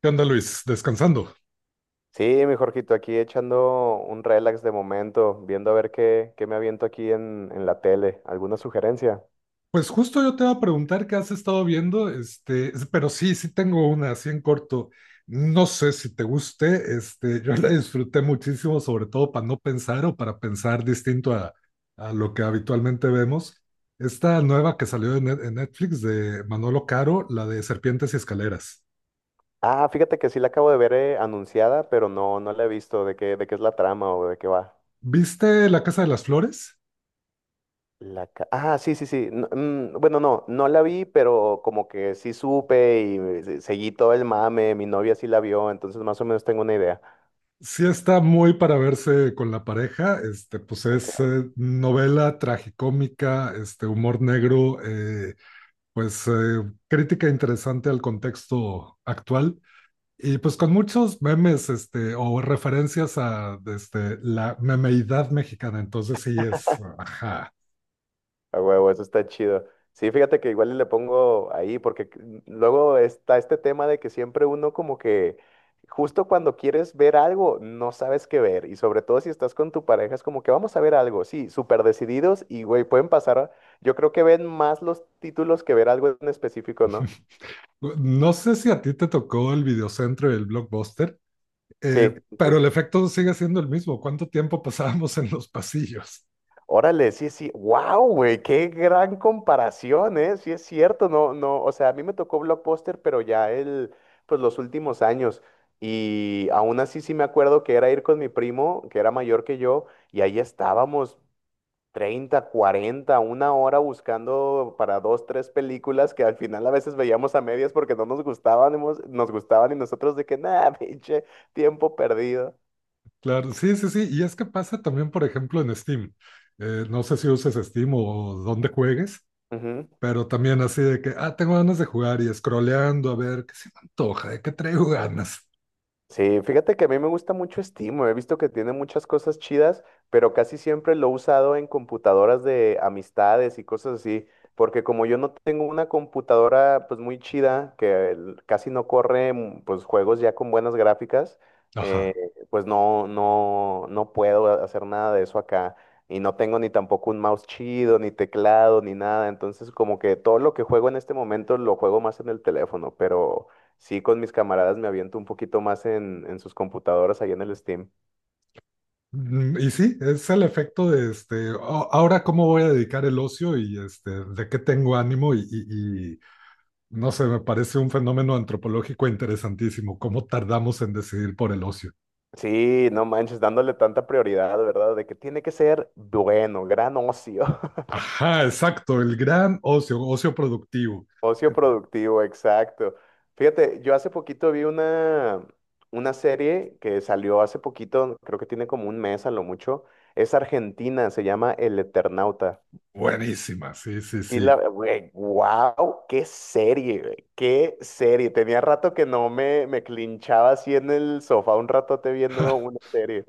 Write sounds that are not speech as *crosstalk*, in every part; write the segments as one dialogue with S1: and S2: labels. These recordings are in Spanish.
S1: ¿Qué onda, Luis? Descansando.
S2: Sí, mi Jorgito, aquí echando un relax de momento, viendo a ver qué me aviento aquí en la tele. ¿Alguna sugerencia?
S1: Pues justo yo te iba a preguntar qué has estado viendo, pero sí, sí tengo una así en corto. No sé si te guste, yo la disfruté muchísimo, sobre todo para no pensar o para pensar distinto a lo que habitualmente vemos. Esta nueva que salió en Netflix de Manolo Caro, la de Serpientes y Escaleras.
S2: Ah, fíjate que sí la acabo de ver anunciada, pero no, no la he visto. ¿De qué es la trama o de qué va?
S1: ¿Viste La Casa de las Flores?
S2: Ah, sí, sí, sí. No, bueno, no, no la vi, pero como que sí supe y seguí todo el mame. Mi novia sí la vio, entonces más o menos tengo una idea.
S1: Sí está muy para verse con la pareja, pues es novela tragicómica, este, humor negro, pues eh, crítica interesante al contexto actual y pues con muchos memes, este, o referencias a este, la memeidad mexicana. Entonces sí es, ajá.
S2: A huevo, eso está chido. Sí, fíjate que igual y le pongo ahí, porque luego está este tema de que siempre uno como que justo cuando quieres ver algo, no sabes qué ver. Y sobre todo si estás con tu pareja, es como que vamos a ver algo, sí, súper decididos y, güey, pueden pasar, yo creo que ven más los títulos que ver algo en específico, ¿no?
S1: *laughs* No sé si a ti te tocó el videocentro y el blockbuster, eh,
S2: Sí, sí,
S1: pero
S2: sí.
S1: el efecto sigue siendo el mismo. ¿Cuánto tiempo pasábamos en los pasillos?
S2: Órale, sí, sí, wow, güey, qué gran comparación, ¿eh? Sí es cierto, no, no, o sea, a mí me tocó Blockbuster, pero ya el, pues los últimos años, y aún así sí me acuerdo que era ir con mi primo, que era mayor que yo, y ahí estábamos 30 40 una hora buscando para dos, tres películas que al final a veces veíamos a medias porque no nos gustaban, nos gustaban y nosotros de que, nada, *laughs* pinche, tiempo perdido.
S1: Claro, sí, sí, sí. Y es que pasa también, por ejemplo, en Steam. No sé si uses Steam o dónde juegues, pero también así de que, ah, tengo ganas de jugar y scrolleando a ver qué se me antoja, de qué traigo ganas.
S2: Sí, fíjate que a mí me gusta mucho Steam, he visto que tiene muchas cosas chidas, pero casi siempre lo he usado en computadoras de amistades y cosas así, porque como yo no tengo una computadora pues muy chida, que casi no corre pues juegos ya con buenas gráficas, eh,
S1: Ajá.
S2: pues no, no, no puedo hacer nada de eso acá. Y no tengo ni tampoco un mouse chido, ni teclado, ni nada. Entonces, como que todo lo que juego en este momento lo juego más en el teléfono, pero... Sí, con mis camaradas me aviento un poquito más en sus computadoras ahí en el Steam.
S1: Y sí, es el efecto de este, "Oh, ahora cómo voy a dedicar el ocio y este, de qué tengo ánimo y no sé, me parece un fenómeno antropológico interesantísimo, cómo tardamos en decidir por el ocio."
S2: Sí, no manches, dándole tanta prioridad, ¿verdad? De que tiene que ser bueno, gran ocio. *laughs*
S1: Ajá, exacto, el gran ocio, ocio productivo.
S2: Ocio productivo, exacto. Fíjate, yo hace poquito vi una serie que salió hace poquito, creo que tiene como un mes a lo mucho. Es argentina, se llama El Eternauta.
S1: Buenísima, sí, sí,
S2: Sí, la,
S1: sí.
S2: güey, wow, qué serie, güey, qué serie. Tenía rato que no me clinchaba así en el sofá un
S1: *laughs*
S2: ratote viendo
S1: Ja.
S2: una serie.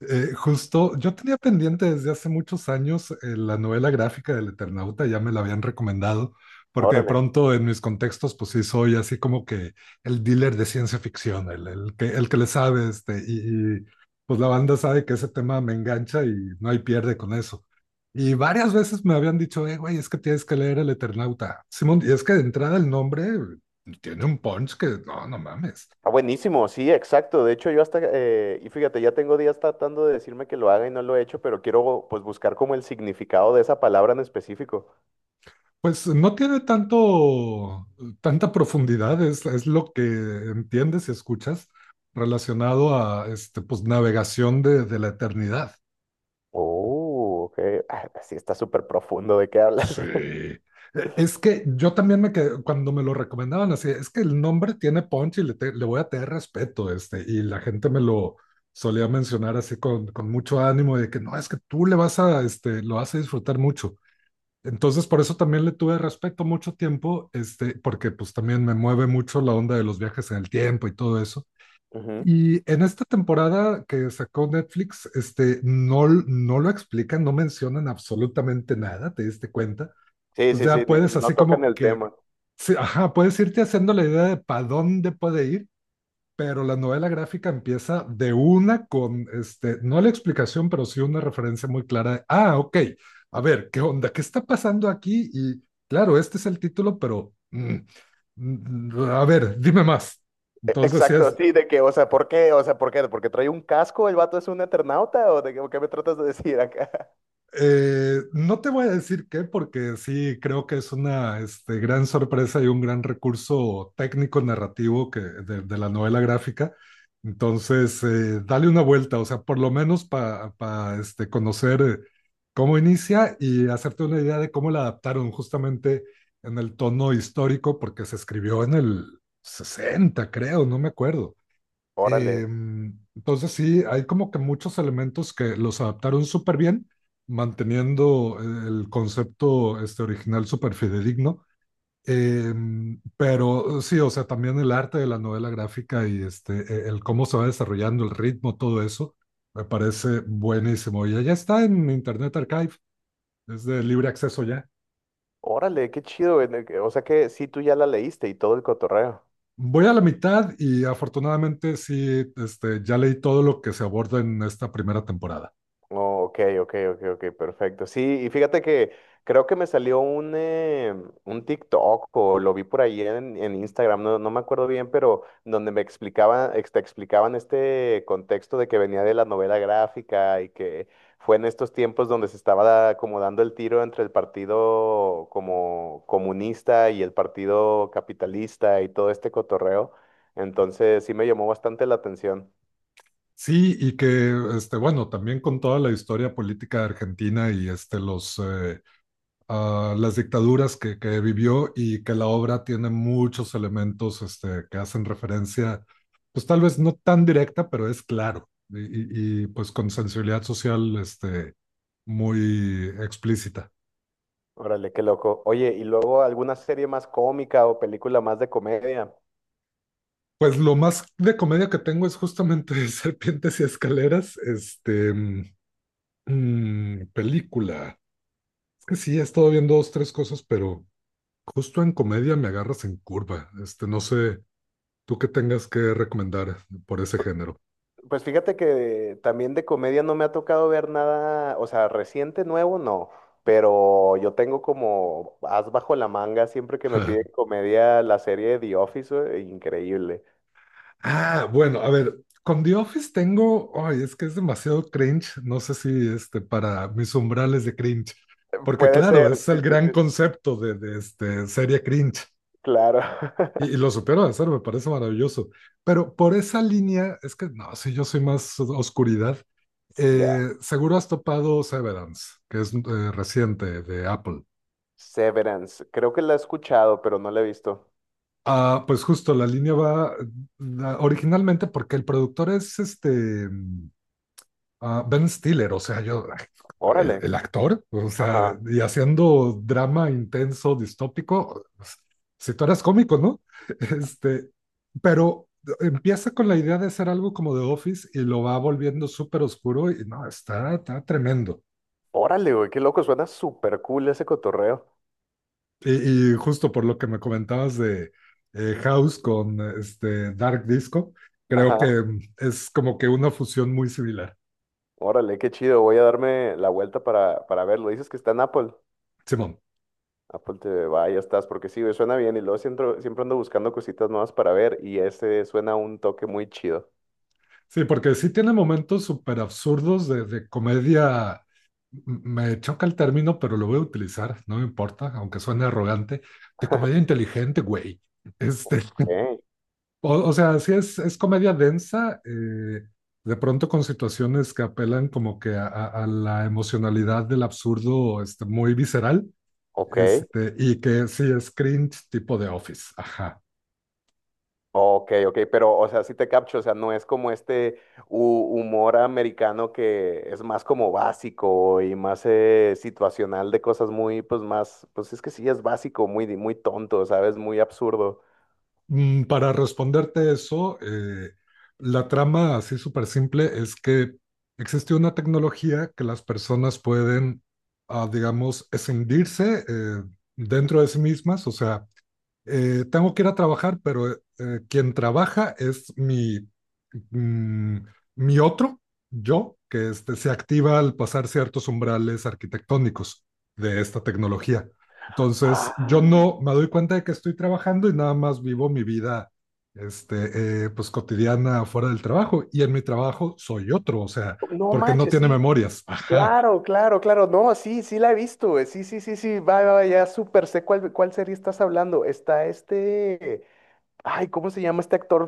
S1: Justo, yo tenía pendiente desde hace muchos años la novela gráfica del Eternauta, ya me la habían recomendado, porque de
S2: Órale.
S1: pronto en mis contextos, pues sí, soy así como que el dealer de ciencia ficción, el que le sabe, pues la banda sabe que ese tema me engancha y no hay pierde con eso. Y varias veces me habían dicho, güey, es que tienes que leer el Eternauta. Simón, y es que de entrada el nombre tiene un punch que no, no mames.
S2: Ah, buenísimo, sí, exacto. De hecho, yo hasta, y fíjate, ya tengo días tratando de decirme que lo haga y no lo he hecho, pero quiero pues buscar como el significado de esa palabra en específico.
S1: Pues no tiene tanto, tanta profundidad, es lo que entiendes y escuchas relacionado a este, pues, navegación de la eternidad.
S2: Oh, ok. Ah, sí, está súper profundo de qué hablas.
S1: Sí. Es que yo también me quedé, cuando me lo recomendaban así, es que el nombre tiene punch y le voy a tener respeto, este, y la gente me lo solía mencionar así con mucho ánimo de que no, es que tú le vas a, este, lo vas a disfrutar mucho. Entonces, por eso también le tuve respeto mucho tiempo, este, porque pues también me mueve mucho la onda de los viajes en el tiempo y todo eso.
S2: *laughs* Ujú.
S1: Y en esta temporada que sacó Netflix, este, no lo explican, no mencionan absolutamente nada, ¿te diste cuenta?
S2: Sí,
S1: Pues
S2: sí, sí,
S1: ya puedes
S2: no
S1: así
S2: tocan
S1: como
S2: el
S1: que,
S2: tema.
S1: sí, ajá, puedes irte haciendo la idea de para dónde puede ir, pero la novela gráfica empieza de una con, este, no la explicación, pero sí una referencia muy clara de, ah, ok, a ver, ¿qué onda? ¿Qué está pasando aquí? Y claro, este es el título, pero, a ver, dime más. Entonces, sí
S2: Exacto,
S1: es.
S2: sí, de que, o sea, ¿por qué? O sea, ¿por qué? ¿Porque trae un casco? ¿El vato es un eternauta? ¿O de qué, o qué me tratas de decir acá? *laughs*
S1: No te voy a decir qué, porque sí creo que es una, este, gran sorpresa y un gran recurso técnico narrativo de la novela gráfica. Entonces, dale una vuelta, o sea, por lo menos para este, conocer, cómo inicia y hacerte una idea de cómo la adaptaron justamente en el tono histórico, porque se escribió en el 60, creo, no me acuerdo.
S2: Órale,
S1: Entonces sí, hay como que muchos elementos que los adaptaron súper bien, manteniendo el concepto, este, original súper fidedigno. Pero sí, o sea, también el arte de la novela gráfica y este, el cómo se va desarrollando, el ritmo, todo eso, me parece buenísimo. Y ya está en Internet Archive, es de libre acceso ya.
S2: órale, qué chido, güey, o sea que sí, tú ya la leíste y todo el cotorreo.
S1: Voy a la mitad y afortunadamente sí, este, ya leí todo lo que se aborda en esta primera temporada.
S2: Oh, ok, perfecto. Sí, y fíjate que creo que me salió un TikTok o lo vi por ahí en Instagram, no, no me acuerdo bien, pero donde me explicaban, te explicaban este contexto de que venía de la novela gráfica y que fue en estos tiempos donde se estaba como dando el tiro entre el partido como comunista y el partido capitalista y todo este cotorreo. Entonces sí me llamó bastante la atención.
S1: Sí, y que, este, bueno, también con toda la historia política argentina y este, las dictaduras que vivió y que la obra tiene muchos elementos, este, que hacen referencia, pues tal vez no tan directa, pero es claro, y pues con sensibilidad social este, muy explícita.
S2: Órale, qué loco. Oye, y luego alguna serie más cómica o película más de comedia.
S1: Pues lo más de comedia que tengo es justamente *laughs* Serpientes y Escaleras, película. Es que sí, he estado viendo dos, tres cosas, pero... Justo en comedia me agarras en curva. Este, no sé, tú qué tengas que recomendar por ese género.
S2: Pues fíjate que también de comedia no me ha tocado ver nada, o sea, reciente, nuevo, no. Pero yo tengo como as bajo la manga siempre que me piden
S1: *laughs*
S2: comedia la serie The Office, increíble.
S1: Ah, bueno, a ver, con The Office tengo, ay, es que es demasiado cringe. No sé si este para mis umbrales de cringe, porque
S2: Puede
S1: claro,
S2: ser,
S1: es
S2: sí,
S1: el
S2: sí,
S1: gran
S2: sí, sí,
S1: concepto de este serie cringe
S2: claro.
S1: y
S2: *laughs*
S1: lo supero de hacer, me parece maravilloso. Pero por esa línea es que no, si yo soy más oscuridad.
S2: Ya.
S1: Seguro has topado Severance, que es reciente de Apple.
S2: Severance. Creo que la he escuchado, pero no la he visto.
S1: Ah, pues justo la línea va, ah, originalmente porque el productor es este, Ben Stiller, o sea, yo,
S2: Órale.
S1: el actor, o sea,
S2: Ajá.
S1: y haciendo drama intenso, distópico, pues, si tú eras cómico, ¿no? *laughs* Este, pero empieza con la idea de hacer algo como The Office y lo va volviendo súper oscuro y no, está, está tremendo.
S2: Órale, güey, qué loco. Suena súper cool ese cotorreo.
S1: Y justo por lo que me comentabas de House con este Dark Disco, creo
S2: Ajá.
S1: que es como que una fusión muy similar.
S2: Órale, qué chido. Voy a darme la vuelta para verlo. Dices que está en Apple.
S1: Simón.
S2: Apple TV, va, ya estás, porque sí, güey, suena bien. Y luego siempre, siempre ando buscando cositas nuevas para ver. Y ese suena un toque muy chido.
S1: Sí, porque sí tiene momentos súper absurdos de comedia. Me choca el término, pero lo voy a utilizar, no me importa, aunque suene arrogante, de comedia inteligente, güey. Este,
S2: Ok,
S1: o sea, sí es comedia densa, de pronto con situaciones que apelan como que a la emocionalidad del absurdo, este, muy visceral,
S2: ok,
S1: este, y que sí es cringe tipo de Office. Ajá.
S2: ok. Pero, o sea, sí te capcho. O sea, no es como este humor americano que es más como básico y más situacional de cosas muy, pues más, pues es que sí es básico, muy, muy tonto, ¿sabes? Muy absurdo.
S1: Para responderte eso, la trama así súper simple es que existe una tecnología que las personas pueden, ah, digamos, escindirse, dentro de sí mismas, o sea, tengo que ir a trabajar, pero quien trabaja es mi, mm, mi otro yo, que este, se activa al pasar ciertos umbrales arquitectónicos de esta tecnología. Entonces, yo
S2: Ah,
S1: no me doy cuenta de que estoy trabajando y nada más vivo mi vida este, pues cotidiana fuera del trabajo. Y en mi trabajo soy otro, o sea,
S2: no
S1: porque no
S2: manches,
S1: tiene
S2: sí.
S1: memorias. Ajá.
S2: Claro, claro, claro. No, sí, sí la he visto, güey. Sí, sí, sí, sí. Va, va, va, ya súper sé cuál serie estás hablando. Está este. Ay, ¿cómo se llama este actor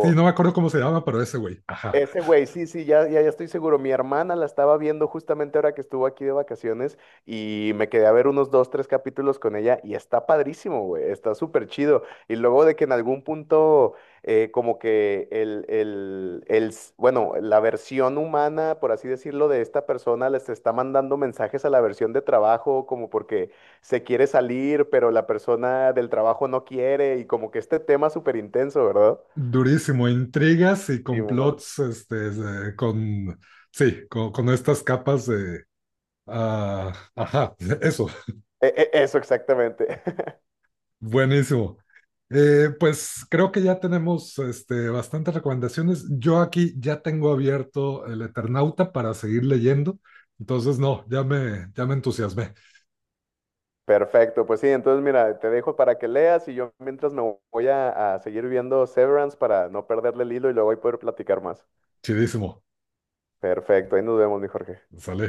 S1: Sí, no me acuerdo cómo se llama, pero ese güey. Ajá.
S2: Ese güey, sí, sí, ya, ya, ya estoy seguro. Mi hermana la estaba viendo justamente ahora que estuvo aquí de vacaciones y me quedé a ver unos dos, tres capítulos con ella y está padrísimo, güey, está súper chido. Y luego de que en algún punto, como que bueno, la versión humana, por así decirlo, de esta persona les está mandando mensajes a la versión de trabajo, como porque se quiere salir, pero la persona del trabajo no quiere y como que este tema súper intenso, ¿verdad?
S1: Durísimo, intrigas y
S2: Sí, mon.
S1: complots, este, con, sí, con estas capas de... ah, ajá, eso,
S2: Eso exactamente. *laughs*
S1: buenísimo. Pues creo que ya tenemos, este, bastantes recomendaciones. Yo aquí ya tengo abierto el Eternauta para seguir leyendo. Entonces, no, ya me entusiasmé.
S2: Perfecto, pues sí, entonces mira, te dejo para que leas y yo mientras me voy a seguir viendo Severance para no perderle el hilo y luego ahí poder platicar más.
S1: Chidísimo.
S2: Perfecto, ahí nos vemos, mi Jorge.
S1: Sale.